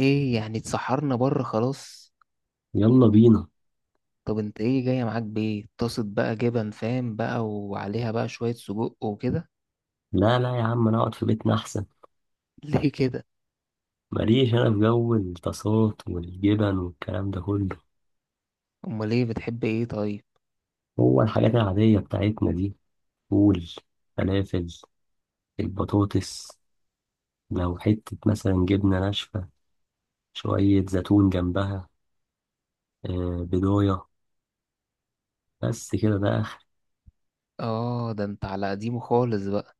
ايه يعني اتسحرنا بره خلاص. يلا بينا. طب انت ايه جاية معاك؟ بايه؟ طاسة بقى جبن فاهم بقى، وعليها بقى شوية سجق وكده. لا يا عم، انا اقعد في بيتنا احسن. ليه كده؟ ماليش انا في جو الطاسات والجبن والكلام ده كله. امال ايه؟ بتحب ايه طيب؟ هو الحاجات العادية بتاعتنا دي: فول، فلافل، البطاطس، لو حتة مثلا جبنة ناشفة، شوية زيتون جنبها، آه بضاية، بس كده ده آخر. اه، ده انت على قديمه خالص بقى.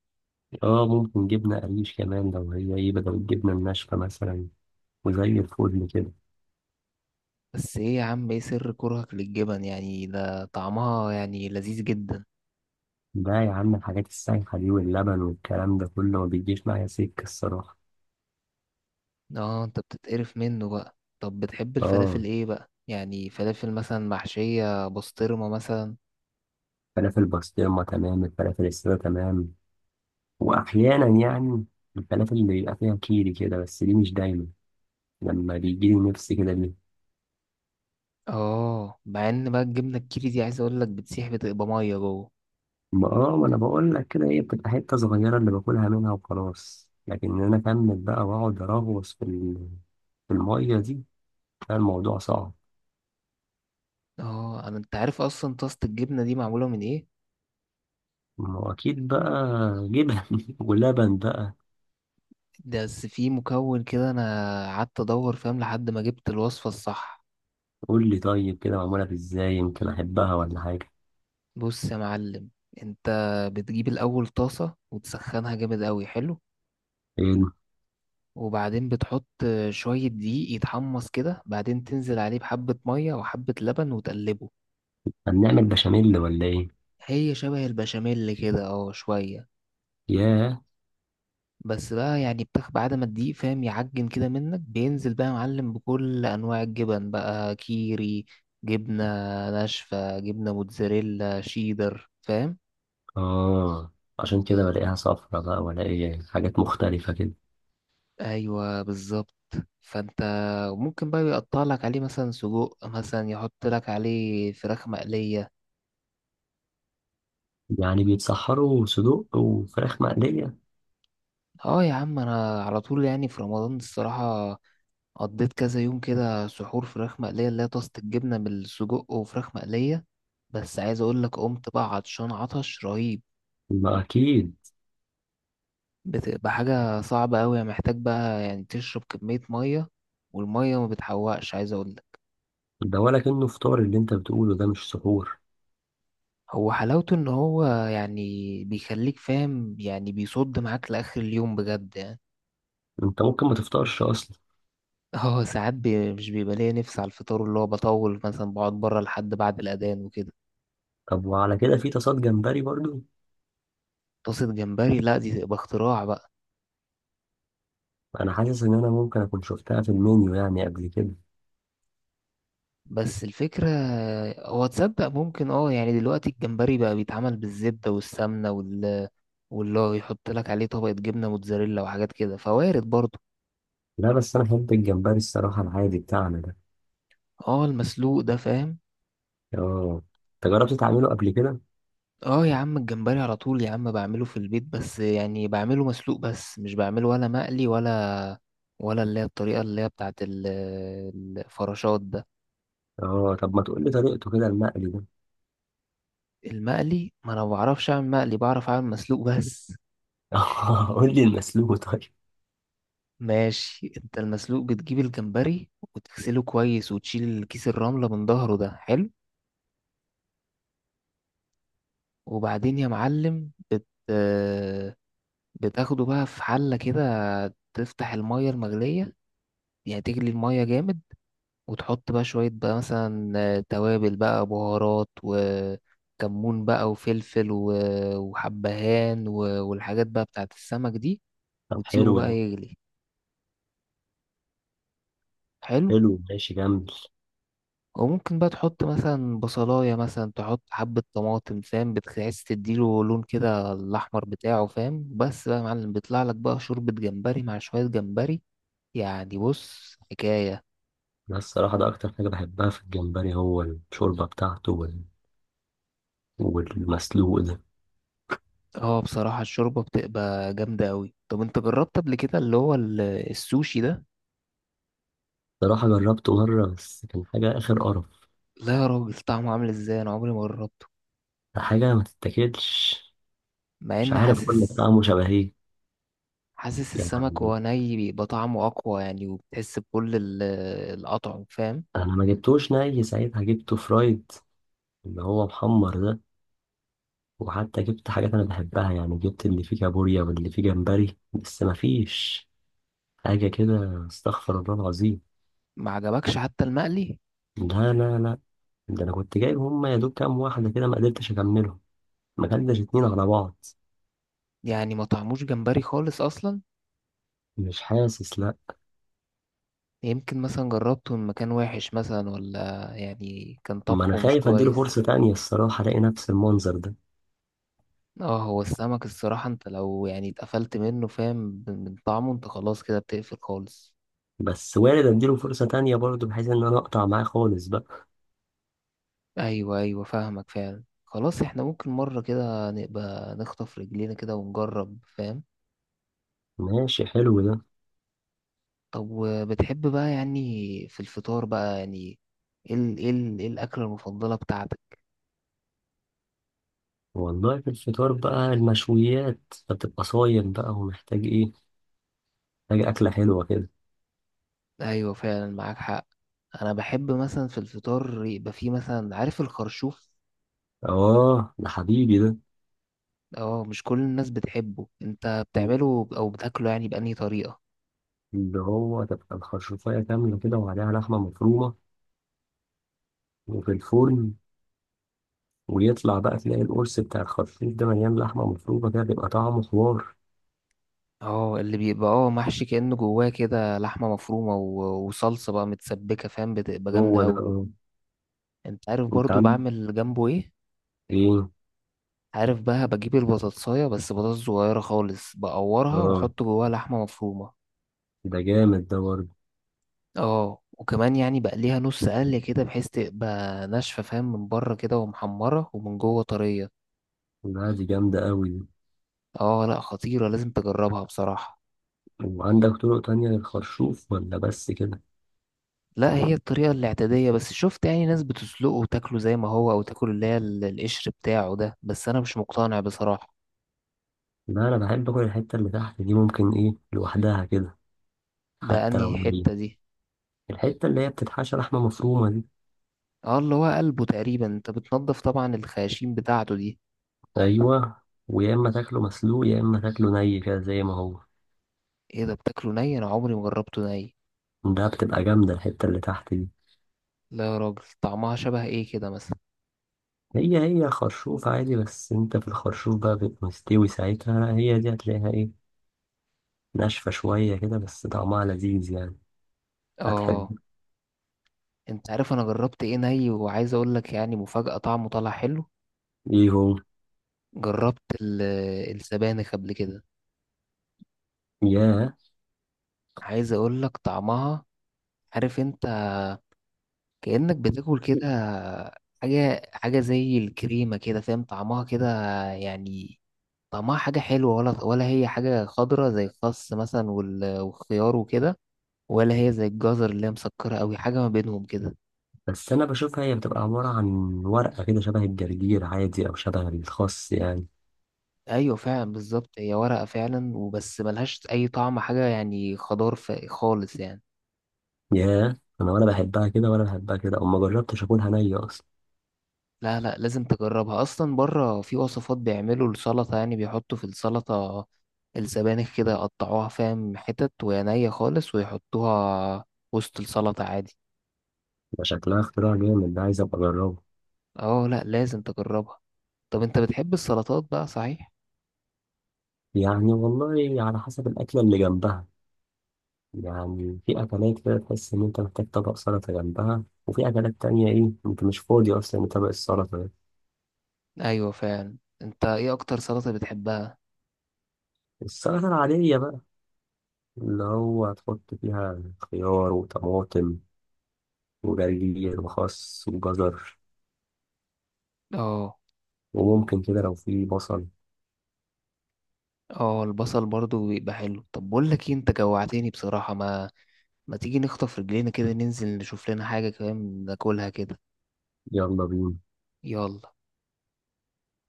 اه، ممكن جبنة قريش كمان لو هي ايه بدل الجبنة الناشفة مثلا، وزي الفل كده. بس ايه يا عم، ايه سر كرهك للجبن؟ يعني ده طعمها يعني لذيذ جدا. ده يا عم الحاجات السايحة دي واللبن والكلام ده كله ما بيجيش معايا سكة الصراحة. اه، انت بتتقرف منه بقى. طب بتحب اه، الفلافل ايه بقى؟ يعني فلافل مثلا محشية بسطرمة مثلا. فلافل بسطرمة تمام، الفلافل السادة تمام، وأحيانا يعني الفلافل اللي بيبقى فيها كيري كده، بس دي مش دايما، لما بيجيلي نفسي كده ليه. اه، مع ان بقى الجبنة الكيري دي عايز اقولك بتسيح، بتبقى مية جوه. ما انا بقول لك كده، هي بتبقى حتة صغيرة اللي باكلها منها وخلاص، لكن ان انا اكمل بقى واقعد اراغوص في المية دي كان الموضوع صعب. اه، انا انت عارف اصلا طاسة الجبنة دي معمولة من ايه؟ ما هو اكيد بقى، جبن ولبن بقى. ده بس في مكون كده، انا قعدت ادور فاهم لحد ما جبت الوصفة الصح. قول لي طيب كده معمولة ازاي، يمكن احبها ولا حاجة. بص يا معلم، انت بتجيب الاول طاسة وتسخنها جامد قوي. حلو. ايه، وبعدين بتحط شوية دقيق يتحمص كده، بعدين تنزل عليه بحبة مية وحبة لبن وتقلبه. هنعمل بشاميل ولا ايه؟ هي شبه البشاميل كده اه، شوية. ياه. بس بقى يعني الفراخ بعد ما تديه فاهم يعجن كده منك، بينزل بقى يا معلم بكل انواع الجبن بقى، كيري، جبنة ناشفة، جبنة موتزاريلا، شيدر، فاهم. اه، عشان كده بلاقيها صفرة بقى، ولاقي حاجات مختلفة كده. ايوه بالظبط. فانت ممكن بقى يقطع لك عليه مثلا سجق مثلا، يحط لك عليه فراخ مقلية. يعني بيتسحروا صدوق وفراخ مقلية؟ اه يا عم، انا على طول يعني في رمضان الصراحة قضيت كذا يوم كده سحور فراخ مقلية، اللي هي طاسة الجبنة بالسجق وفراخ مقلية. بس عايز اقول لك، قمت بقى عطشان عطش رهيب. ما أكيد. بتبقى حاجة صعبة أوي، يعني محتاج بقى يعني تشرب كمية مية، والمية ما بتحوقش عايز اقول لك. ده ولكنه فطار اللي أنت بتقوله ده، مش سحور. هو حلاوته ان هو يعني بيخليك فاهم، يعني بيصد معاك لآخر اليوم بجد يعني. أنت ممكن ما تفطرش أصلا. اه، ساعات بي مش بيبقى ليا نفس على الفطار، اللي هو بطول مثلا بقعد بره لحد بعد الأذان وكده. طب وعلى كده في تصاد جمبري برضو؟ طاسة جمبري؟ لا دي تبقى اختراع بقى. أنا حاسس إن أنا ممكن أكون شفتها في المنيو يعني قبل كده. بس الفكرة، هو تصدق ممكن اه يعني دلوقتي الجمبري بقى بيتعمل بالزبدة والسمنة واللي هو يحط لك عليه طبقة جبنة موتزاريلا وحاجات كده، فوارد برضه. لا، بس أنا بحب الجمبري الصراحة العادي بتاعنا ده. اه المسلوق ده فاهم. اه. أنت جربت تعمله قبل كده؟ اه يا عم الجمبري على طول يا عم بعمله في البيت، بس يعني بعمله مسلوق بس، مش بعمله ولا مقلي ولا اللي هي الطريقة اللي هي الفراشات ده. اه. طب ما تقولي طريقته كده المقلي ده. المقلي ما انا ما بعرفش اعمل مقلي، بعرف اعمل مسلوق بس. قول لي المسلوق طيب. ماشي، انت المسلوق بتجيب الجمبري وتغسله كويس وتشيل كيس الرملة من ظهره ده. حلو. وبعدين يا معلم بت... آه، بتاخده بقى في حلة كده، تفتح المية المغلية، يعني تجلي المية جامد، وتحط بقى شوية بقى مثلا توابل بقى، بهارات وكمون بقى وفلفل وحبهان والحاجات بقى بتاعت السمك دي، طب وتسيبه حلو بقى ده. يغلي. حلو. حلو، ماشي، جميل. وممكن بقى تحط مثلا بصلاية، مثلا تحط حبة طماطم فاهم، بتحس تديله لون كده الأحمر بتاعه فاهم. بس بقى يا معلم بيطلع لك بقى شوربة جمبري مع شوية جمبري، يعني بص حكاية. بس الصراحة ده أكتر حاجة بحبها في الجمبري هو الشوربة بتاعته وال... والمسلوق ده. اه بصراحة الشوربة بتبقى جامدة أوي. طب انت جربت قبل كده اللي هو السوشي ده؟ صراحة جربته مرة بس كان حاجة آخر قرف. لا يا راجل، طعمه عامل ازاي؟ انا عمري ما جربته. حاجة ما تتاكلش. مع مش ان عارف أقول لك حاسس، طعمه شبه إيه، حاسس السمك يعني وهو ني بيبقى طعمه أقوى يعني، وبتحس بكل الأطعم فاهم. أنا ما جبتوش ني ساعتها، جبته فرايد، اللي هو محمر ده. وحتى جبت حاجات أنا بحبها، يعني جبت اللي فيه كابوريا واللي فيه جمبري، بس ما فيش حاجة كده، استغفر الله العظيم. ما عجبكش حتى المقلي؟ لا، ده أنا كنت جايب هما يا دوب كام واحدة كده، ما قدرتش أكملهم، ما كلناش اتنين على بعض. يعني ما طعموش جمبري خالص اصلا؟ مش حاسس، لا. يمكن مثلا جربته من مكان وحش مثلا، ولا يعني كان ما انا طبخه مش خايف اديله كويس. فرصة تانية الصراحة، الاقي نفس المنظر ده. اه، هو السمك الصراحة انت لو يعني اتقفلت منه فاهم من طعمه، انت خلاص كده بتقفل خالص. بس وارد اديله فرصة تانية برضه، بحيث ان انا اقطع معاه خالص بقى. ايوه ايوه، فاهمك فعلا. خلاص احنا ممكن مرة كده نبقى نخطف رجلينا كده ونجرب فاهم. ماشي، حلو ده. طب وبتحب بقى يعني في الفطار بقى يعني ايه ايه الاكلة المفضلة بتاعتك؟ والله في الفطار بقى المشويات، فتبقى صايم بقى ومحتاج ايه، محتاج اكلة حلوة كده. ايوه فعلا، معاك حق. انا بحب مثلا في الفطار يبقى فيه مثلا، عارف، الخرشوف. اه، ده حبيبي ده. اه، مش كل الناس بتحبه. انت بتعمله او بتاكله يعني بأنهي طريقة؟ اللي هو تبقى الخرشوفاية كاملة كده وعليها لحمة مفرومة وفي الفرن، ويطلع بقى تلاقي القرص بتاع الخرشوف ده مليان لحمة مفرومة كده، بيبقى طعمه حوار. اه، اللي بيبقى اه محشي كأنه جواه كده لحمة مفرومة وصلصة بقى متسبكة فاهم، بتبقى جامدة هو ده. قوي. انت عارف انت برضو عندك بعمل جنبه ايه؟ ايه؟ عارف بقى، بجيب البطاطساية بس بطاطس صغيرة خالص، بقورها اه، واحط جواها لحمة مفرومة. ده جامد ده برضه. اه وكمان يعني بقى ليها نص قلة كده، بحيث تبقى ناشفة فاهم، من بره كده ومحمرة ومن جوه طرية. لا، دي جامدة قوي دي. اه لا خطيرة، لازم تجربها بصراحة. وعندك طرق تانية للخرشوف ولا بس كده؟ لا هي الطريقة الاعتيادية بس، شفت يعني ناس بتسلقه وتاكله زي ما هو، او تاكل اللي هي القشر بتاعه ده، بس انا مش مقتنع بصراحة. لا، انا بحب اكل الحتة اللي تحت دي ممكن ايه لوحدها كده، ده حتى لو انهي نية. حتة دي؟ الحتة اللي هي بتتحشى لحمة مفرومة دي. اه اللي هو قلبه تقريبا. انت بتنضف طبعا الخياشيم بتاعته دي. ايوه. ويا اما تاكله مسلوق يا اما تاكله ني كده زي ما هو. ايه ده، بتاكله ني؟ انا عمري ما جربته ني. ده بتبقى جامدة الحتة اللي تحت دي. لا يا راجل، طعمها شبه ايه كده مثلا؟ هي، هي خرشوف عادي، بس انت في الخرشوف بقى بيبقى مستوي ساعتها، لا هي دي هتلاقيها ايه، ناشفة شوية كده، بس طعمها لذيذ يعني. اه. هتحب. انت عارف انا جربت ايه ني وعايز اقول لك يعني مفاجأة، طعمه طلع حلو؟ ايهو؟ جربت السبانخ قبل كده. ياه. عايز اقول لك طعمها، عارف انت، كأنك بتاكل كده حاجة، حاجة زي الكريمة كده فاهم، طعمها كده يعني. طعمها حاجة حلوة، ولا ولا هي حاجة خضرة زي الخس مثلا والخيار وكده، ولا هي زي الجزر اللي هي مسكرة أوي؟ حاجة ما بينهم كده. بس انا بشوفها هي بتبقى عبارة عن ورقة كده شبه الجرجير عادي او شبه الخس يعني. أيوة فعلا بالظبط، هي ورقة فعلا وبس، ملهاش أي طعم، حاجة يعني خضار خالص يعني. ياه، انا ولا بحبها كده ولا بحبها كده، او ما جربتش اكلها نية اصلا. لا لا، لازم تجربها. اصلا بره في وصفات بيعملوا السلطه، يعني بيحطوا في السلطه السبانخ كده، يقطعوها فاهم حتت وهي نية خالص، ويحطوها وسط السلطه عادي. ده شكلها اختراع جامد ده، عايز ابقى اجربه. اه لا، لازم تجربها. طب انت بتحب السلطات بقى صحيح؟ يعني والله على حسب الاكلة اللي جنبها، يعني في اكلات كده تحس ان انت محتاج طبق سلطة جنبها، وفي اكلات تانية ايه انت مش فاضي اصلا لطبق السلطة ده. ايوه فعلا. انت ايه اكتر سلطه بتحبها؟ السلطة العادية بقى، اللي هو تحط فيها خيار وطماطم وجرجير وخس وجزر، اه. وممكن كده لو في بصل. اه، البصل برضو بيبقى حلو. طب بقول لك ايه، انت جوعتني بصراحه. ما ما تيجي نخطف رجلينا كده، ننزل نشوف لنا حاجه كمان ناكلها كده؟ يلا بينا. يلا.